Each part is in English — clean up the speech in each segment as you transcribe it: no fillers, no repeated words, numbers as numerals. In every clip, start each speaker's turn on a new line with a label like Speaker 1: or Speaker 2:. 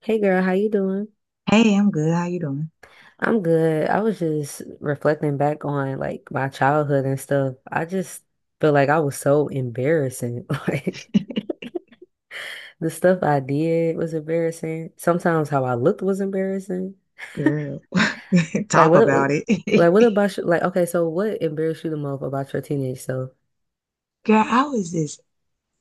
Speaker 1: Hey girl, how you doing?
Speaker 2: Hey, I'm good. How you doing?
Speaker 1: I'm good. I was just reflecting back on like my childhood and stuff. I just feel like I was so embarrassing. Like the stuff I did was embarrassing. Sometimes how I looked was embarrassing.
Speaker 2: Girl,
Speaker 1: Like
Speaker 2: talk
Speaker 1: what
Speaker 2: about it.
Speaker 1: like what about you? Like okay, so what embarrassed you the most about your teenage self?
Speaker 2: Girl, I was this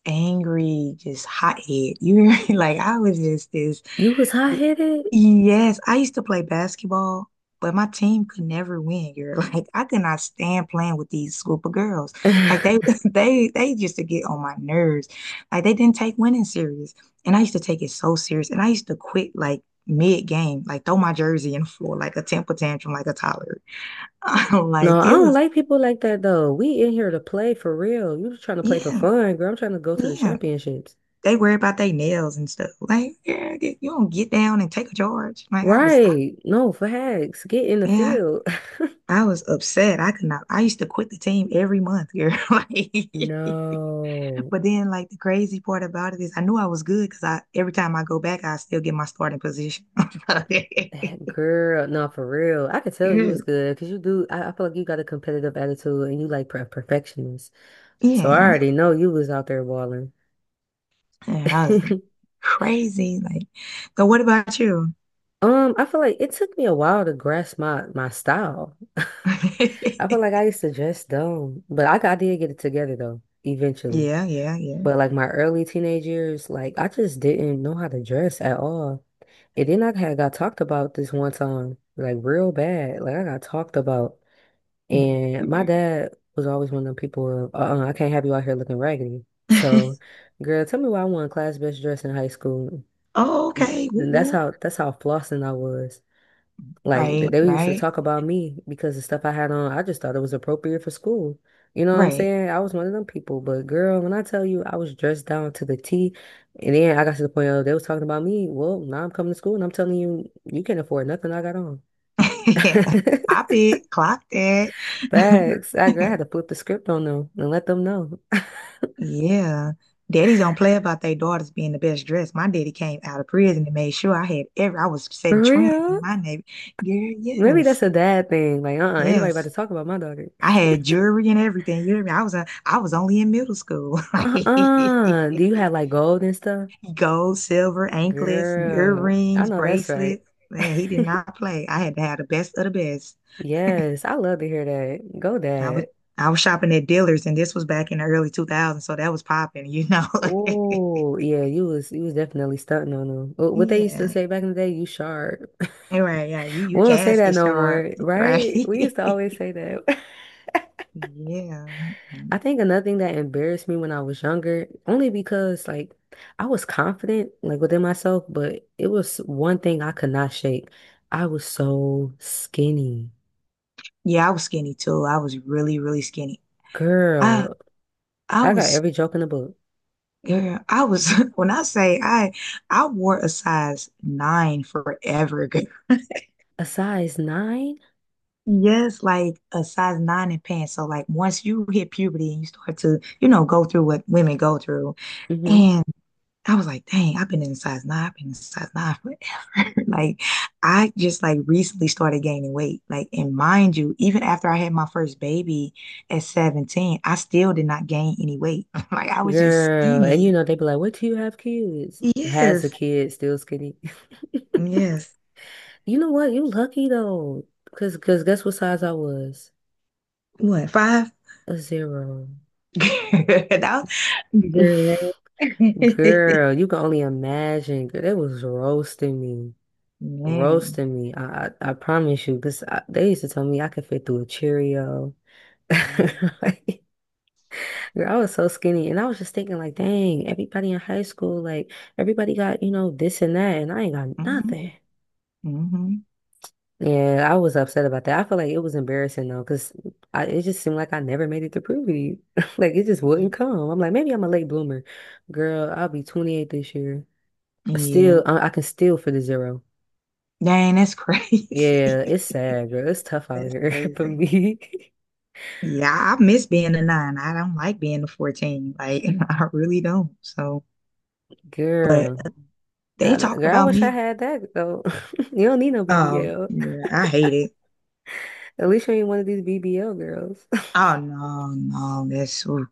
Speaker 2: angry, just hothead. You hear me? Like I was just this.
Speaker 1: You was
Speaker 2: th-
Speaker 1: hot-headed?
Speaker 2: Yes, I used to play basketball, but my team could never win. Girl, like I could not stand playing with these group of girls. Like they, they used to get on my nerves. Like they didn't take winning serious, and I used to take it so serious. And I used to quit like mid game, like throw my jersey in the floor, like a temper tantrum, like a toddler. like,
Speaker 1: No, I
Speaker 2: it
Speaker 1: don't
Speaker 2: was,
Speaker 1: like people like that though. We in here to play for real. You just trying to play for
Speaker 2: yeah,
Speaker 1: fun, girl. I'm trying to go to the
Speaker 2: yeah.
Speaker 1: championships.
Speaker 2: They worry about their nails and stuff. Like, yeah, you don't get down and take a charge. Like, I was like,
Speaker 1: Right. No, facts. Get in the
Speaker 2: yeah,
Speaker 1: field.
Speaker 2: I was upset. I could not, I used to quit the team every month, girl.
Speaker 1: No.
Speaker 2: The crazy part about it is I knew I was good because every time I go back, I still get my starting position.
Speaker 1: Girl, no, for real. I could tell you was good because you do. I feel like you got a competitive attitude and you like perfectionist.
Speaker 2: Yeah.
Speaker 1: So I
Speaker 2: Yeah,
Speaker 1: already know you was out there balling.
Speaker 2: I was crazy. Like, so what about you?
Speaker 1: I feel like it took me a while to grasp my style. I feel like I used to dress dumb, but I did get it together though, eventually.
Speaker 2: Yeah, yeah, yeah.
Speaker 1: But like my early teenage years, like I just didn't know how to dress at all. And then I had got talked about this one time, like real bad. Like I got talked about. And my
Speaker 2: Yeah.
Speaker 1: dad was always one of them people of, uh-uh, I can't have you out here looking raggedy. So, girl, tell me why I won class best dress in high school.
Speaker 2: Oh,
Speaker 1: Mm,
Speaker 2: okay. Woo,
Speaker 1: that's
Speaker 2: woo.
Speaker 1: how that's how flossing I was. Like
Speaker 2: Right,
Speaker 1: they used to
Speaker 2: right,
Speaker 1: talk about me because the stuff I had on, I just thought it was appropriate for school. You know what I'm
Speaker 2: right.
Speaker 1: saying? I was one of them people, but girl, when I tell you I was dressed down to the T, and then I got to the point of they was talking about me. Well, now I'm coming to school and I'm telling you, you can't afford nothing I got on.
Speaker 2: Yeah. Pop it, clock that.
Speaker 1: Facts. I, girl, I had to flip the script on them and let them know.
Speaker 2: Yeah. Daddies don't play about their daughters being the best dressed. My daddy came out of prison and made sure I had every I was
Speaker 1: For
Speaker 2: setting trends in
Speaker 1: real?
Speaker 2: my neighborhood. Yeah,
Speaker 1: Maybe that's
Speaker 2: yes.
Speaker 1: a dad thing. Like, uh-uh, anybody about to
Speaker 2: Yes.
Speaker 1: talk about my daughter.
Speaker 2: I had jewelry and everything. You know what I mean? I was only in middle school.
Speaker 1: Uh-uh. Do you have like gold and stuff?
Speaker 2: Gold, silver, anklets,
Speaker 1: Girl, I
Speaker 2: earrings,
Speaker 1: know that's right.
Speaker 2: bracelets. Man, he did not play. I had to have the best of the best.
Speaker 1: Yes, I love to hear that. Go
Speaker 2: I was
Speaker 1: dad.
Speaker 2: I was shopping at dealers, and this was back in the early 2000s, so that was popping, you know.
Speaker 1: Oh, yeah, you was definitely stunting on them. What they used to
Speaker 2: Yeah.
Speaker 1: say back in the day, you sharp.
Speaker 2: Right, yeah, you
Speaker 1: We don't say that
Speaker 2: casket
Speaker 1: no
Speaker 2: sharp,
Speaker 1: more,
Speaker 2: right?
Speaker 1: right? We used to always say that.
Speaker 2: Yeah.
Speaker 1: I think another thing that embarrassed me when I was younger, only because like I was confident like within myself, but it was one thing I could not shake. I was so skinny.
Speaker 2: Yeah, I was skinny too. I was really, really skinny. I
Speaker 1: Girl,
Speaker 2: I
Speaker 1: I got
Speaker 2: was
Speaker 1: every joke in the book.
Speaker 2: girl, I was when I say I wore a size nine forever, girl.
Speaker 1: A size nine?
Speaker 2: Yes, like a size nine in pants. So like once you hit puberty and you start to, you know, go through what women go through.
Speaker 1: Mm-hmm.
Speaker 2: I was like, dang, I've been in size nine forever. I just like recently started gaining weight. Like, and mind you, even after I had my first baby at 17, I still did not gain any weight. I was just
Speaker 1: Girl, and you
Speaker 2: skinny.
Speaker 1: know, they be like, what do you have kids? Has a
Speaker 2: Yes,
Speaker 1: kid, still skinny.
Speaker 2: yes.
Speaker 1: You know what? You lucky though. Cause guess what size I was?
Speaker 2: What, five?
Speaker 1: A zero.
Speaker 2: That was- Girl.
Speaker 1: Girl, you can only imagine. Girl, they was roasting me.
Speaker 2: Man,
Speaker 1: Roasting me. I promise you, because they used to tell me I could fit through a Cheerio.
Speaker 2: man.
Speaker 1: Girl, I was so skinny, and I was just thinking, like, dang, everybody in high school, like, everybody got, this and that, and I ain't got
Speaker 2: Mm-hmm.
Speaker 1: nothing.
Speaker 2: Mm-hmm.
Speaker 1: Yeah, I was upset about that. I feel like it was embarrassing though, because I it just seemed like I never made it to puberty. Like it just wouldn't come. I'm like, maybe I'm a late bloomer. Girl, I'll be 28 this year.
Speaker 2: Yeah.
Speaker 1: Still, I can still for the zero.
Speaker 2: Dang, that's
Speaker 1: Yeah,
Speaker 2: crazy.
Speaker 1: it's sad, girl. It's tough out
Speaker 2: That's
Speaker 1: here for
Speaker 2: crazy.
Speaker 1: me.
Speaker 2: Yeah, I miss being a nine. I don't like being a 14. Like, I really don't. So, but
Speaker 1: Girl,
Speaker 2: they talked
Speaker 1: girl, I
Speaker 2: about
Speaker 1: wish I
Speaker 2: me.
Speaker 1: had that though. You don't need no
Speaker 2: Oh,
Speaker 1: BBL.
Speaker 2: yeah, I hate it.
Speaker 1: At least you ain't one of these BBL girls.
Speaker 2: Oh, no, no, that's, ooh,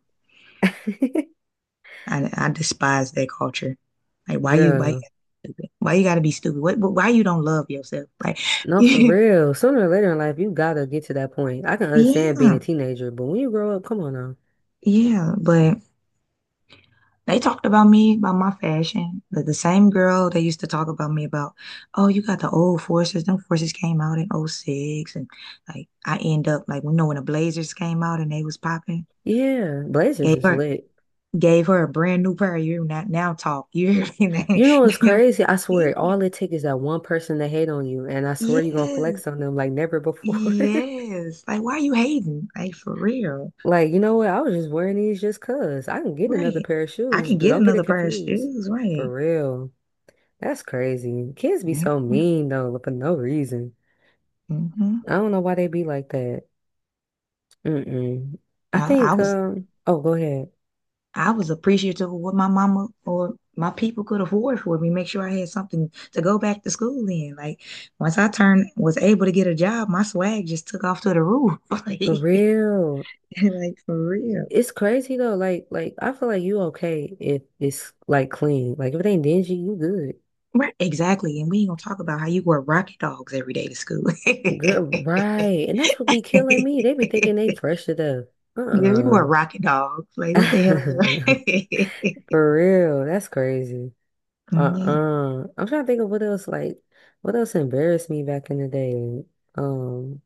Speaker 2: I despise that culture. Like, why you gotta
Speaker 1: Girl,
Speaker 2: be stupid? Why you gotta be stupid? What, why you don't love yourself? Like,
Speaker 1: no, for
Speaker 2: yeah,
Speaker 1: real. Sooner or later in life, you gotta get to that point. I can understand being a teenager, but when you grow up, come on now.
Speaker 2: yeah, but they talked about me, about my fashion. The same girl they used to talk about me about, oh, you got the old forces. Them forces came out in '06, and like I end up like you know when the Blazers came out and they was popping,
Speaker 1: Yeah, Blazers
Speaker 2: gave
Speaker 1: is
Speaker 2: her
Speaker 1: lit.
Speaker 2: gave her a brand new pair. You're not now talk. You hear me?
Speaker 1: You know what's crazy? I swear, all it takes is that one person to hate on you, and I swear
Speaker 2: Yeah.
Speaker 1: you're gonna
Speaker 2: Yes.
Speaker 1: flex on them like never before.
Speaker 2: Yes. Like why you hating? Like for real.
Speaker 1: Like, you know what? I was just wearing these just 'cause. I can get another
Speaker 2: Right.
Speaker 1: pair of
Speaker 2: I
Speaker 1: shoes.
Speaker 2: can get
Speaker 1: Don't get
Speaker 2: another
Speaker 1: it
Speaker 2: pair of
Speaker 1: confused.
Speaker 2: shoes, right?
Speaker 1: For real. That's crazy. Kids be so
Speaker 2: Mm-hmm,
Speaker 1: mean though, for no reason.
Speaker 2: mm-hmm.
Speaker 1: I don't know why they be like that. Mm-mm. I
Speaker 2: I, I
Speaker 1: think
Speaker 2: was
Speaker 1: oh go ahead.
Speaker 2: I was appreciative of what my mama or my people could afford for me, make sure I had something to go back to school in. Like once I turned was able to get a job, my swag just took off to the roof.
Speaker 1: For real.
Speaker 2: Like for real.
Speaker 1: It's crazy though. Like I feel like you okay if it's like clean. Like if it ain't dingy, you good.
Speaker 2: Right, exactly. And we ain't gonna talk about how you wear rocket dogs every day to school.
Speaker 1: Girl, right. And that's what be killing me. They be thinking they fresh to death.
Speaker 2: Yeah, we wore
Speaker 1: Uh-uh.
Speaker 2: rocket dogs. Like, what the hell is that?
Speaker 1: For real. That's crazy.
Speaker 2: Yeah.
Speaker 1: Uh-uh. I'm trying to think of what else like what else embarrassed me back in the day. Um,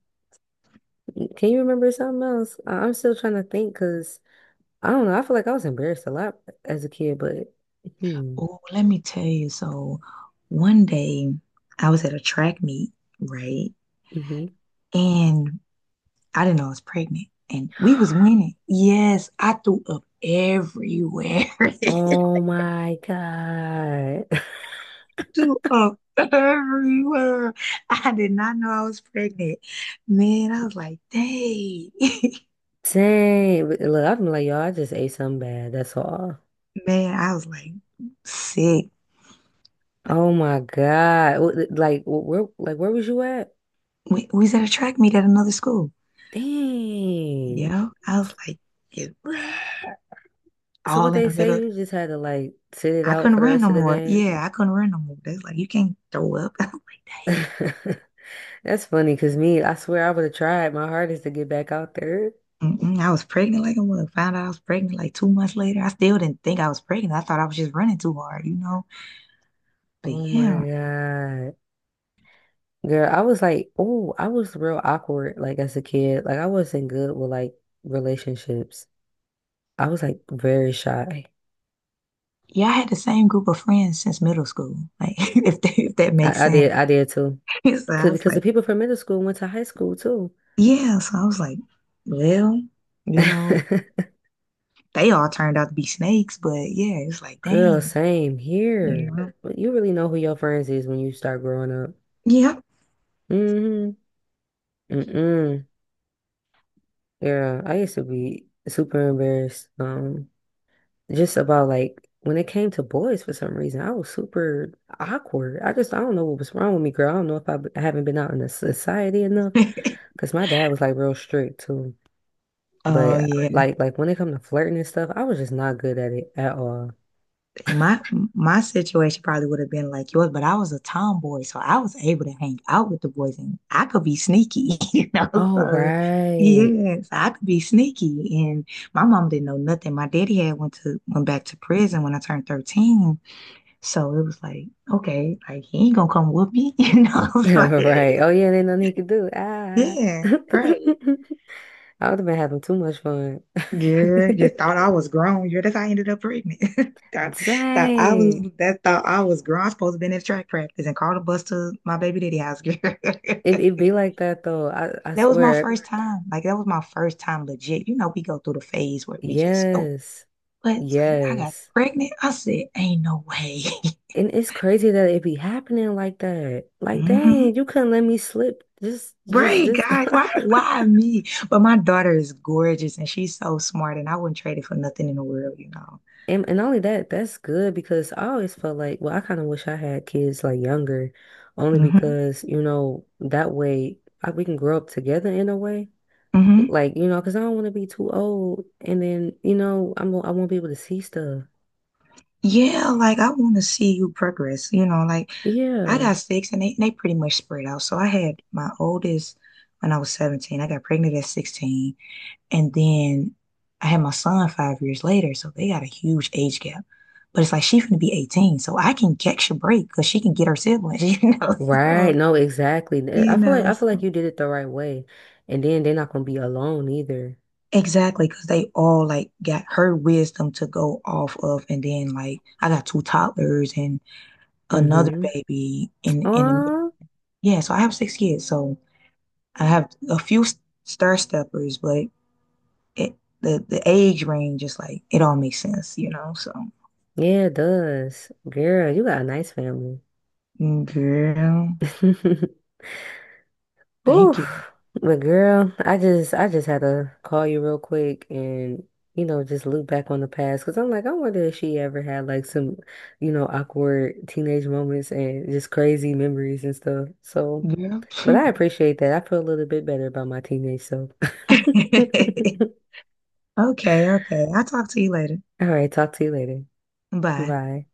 Speaker 1: can you remember something else? I'm still trying to think because I don't know. I feel like I was embarrassed a lot as a kid, but hmm,
Speaker 2: Oh, let me tell you. So, one day I was at a track meet, right?
Speaker 1: hmm
Speaker 2: And I didn't know I was pregnant, and we was winning. Yes, I threw up everywhere. I
Speaker 1: Oh my God.
Speaker 2: threw up everywhere. I did not know I was pregnant. Man, I was like, dang.
Speaker 1: Dang. But look, I've been like, y'all, I just ate something bad. That's all.
Speaker 2: Man, I was like sick.
Speaker 1: Oh my God. Like, where, like, where was you at?
Speaker 2: We was at a track meet at another school.
Speaker 1: Dang.
Speaker 2: Yeah, I was like, yeah,
Speaker 1: So what
Speaker 2: all in
Speaker 1: they
Speaker 2: the
Speaker 1: say,
Speaker 2: middle of
Speaker 1: you
Speaker 2: the-
Speaker 1: just had to like sit it
Speaker 2: I
Speaker 1: out for
Speaker 2: couldn't
Speaker 1: the
Speaker 2: run
Speaker 1: rest
Speaker 2: no
Speaker 1: of the
Speaker 2: more.
Speaker 1: game.
Speaker 2: Yeah, I couldn't run no more. They was like, you can't throw up. I
Speaker 1: That's funny, cause me, I swear I would have tried my hardest to get back out there.
Speaker 2: mm-mm, I was pregnant like a mug. Found out I was pregnant like 2 months later. I still didn't think I was pregnant. I thought I was just running too hard, you know? But
Speaker 1: Oh my
Speaker 2: yeah,
Speaker 1: God. Girl, I was like, oh, I was real awkward, like as a kid. Like I wasn't good with like relationships. I was like very shy.
Speaker 2: yeah, I had the same group of friends since middle school. Like, if that makes
Speaker 1: I, I
Speaker 2: sense.
Speaker 1: did, I did too.
Speaker 2: So
Speaker 1: Cause
Speaker 2: I was
Speaker 1: because the
Speaker 2: like,
Speaker 1: people from middle school went to high school too.
Speaker 2: yeah. So I was like, well, you know, they all turned out to be snakes, but yeah, it's like,
Speaker 1: Girl,
Speaker 2: dang,
Speaker 1: same
Speaker 2: you
Speaker 1: here.
Speaker 2: know?
Speaker 1: But you really know who your friends is when you start growing up.
Speaker 2: Yeah.
Speaker 1: Mm-hmm. Mm-mm. Yeah, I used to be super embarrassed. Just about like when it came to boys for some reason, I was super awkward. I don't know what was wrong with me, girl. I don't know if I haven't been out in the society enough because my dad was like real strict too.
Speaker 2: Oh,
Speaker 1: But
Speaker 2: yeah.
Speaker 1: like when it come to flirting and stuff, I was just not good at it at all.
Speaker 2: See, my situation probably would have been like yours, but I was a tomboy, so I was able to hang out with the boys, and I could be sneaky, you know.
Speaker 1: Oh
Speaker 2: So
Speaker 1: right,
Speaker 2: yeah, so I could be sneaky, and my mom didn't know nothing. My daddy had went back to prison when I turned 13, so it was like okay, like he ain't gonna come with me, you know. like,
Speaker 1: right. Oh yeah, ain't nothing he could do. Ah.
Speaker 2: yeah, right.
Speaker 1: I would have been having too much fun.
Speaker 2: Yeah, just thought I was grown. Yeah, that's how I ended up pregnant. Thought,
Speaker 1: Dang.
Speaker 2: thought I was grown. I was supposed to been at track practice and called a bus to my baby daddy house, girl.
Speaker 1: It it be like that though. I
Speaker 2: That was my
Speaker 1: swear.
Speaker 2: first time. Like that was my first time legit. You know, we go through the phase where we just go,
Speaker 1: Yes.
Speaker 2: but it's like I got
Speaker 1: Yes.
Speaker 2: pregnant. I said, ain't no way.
Speaker 1: And it's crazy that it be happening like that. Like, dang,
Speaker 2: Hmm.
Speaker 1: you couldn't let me slip just
Speaker 2: Right,
Speaker 1: this
Speaker 2: God, why me? But my daughter is gorgeous and she's so smart and I wouldn't trade it for nothing in the world, you know.
Speaker 1: And not only that, that's good because I always felt like, well, I kind of wish I had kids like younger, only
Speaker 2: Hmm.
Speaker 1: because, that way we can grow up together in a way.
Speaker 2: Hmm.
Speaker 1: Like, because I don't want to be too old and then, I won't be able to see stuff.
Speaker 2: Yeah, like I want to see you progress. You know, like I
Speaker 1: Yeah.
Speaker 2: got six and they pretty much spread out. So I had my oldest when I was 17. I got pregnant at 16. And then I had my son 5 years later. So they got a huge age gap. But it's like she's going to be 18. So I can catch a break because she can get her siblings, you know. So,
Speaker 1: Right. No, exactly. I
Speaker 2: you
Speaker 1: feel like
Speaker 2: know,
Speaker 1: I feel like
Speaker 2: so.
Speaker 1: you did it the right way. And then they're not gonna be alone either.
Speaker 2: Exactly, because they all like got her wisdom to go off of. And then like I got two toddlers and another
Speaker 1: hmm
Speaker 2: baby in the middle.
Speaker 1: Oh,
Speaker 2: Yeah, so I have six kids. So I have a few star steppers, but it, the age range is like it all makes sense, you know. So
Speaker 1: yeah, it does. Girl, you got a nice family.
Speaker 2: mm, girl, thank you,
Speaker 1: Oof. But girl, I just had to call you real quick and just look back on the past because I'm like I wonder if she ever had like some awkward teenage moments and just crazy memories and stuff. So,
Speaker 2: girl.
Speaker 1: but I appreciate that. I feel a little bit better about my teenage self.
Speaker 2: Okay, okay. I'll talk to you later.
Speaker 1: All right, talk to you later.
Speaker 2: Bye.
Speaker 1: Bye.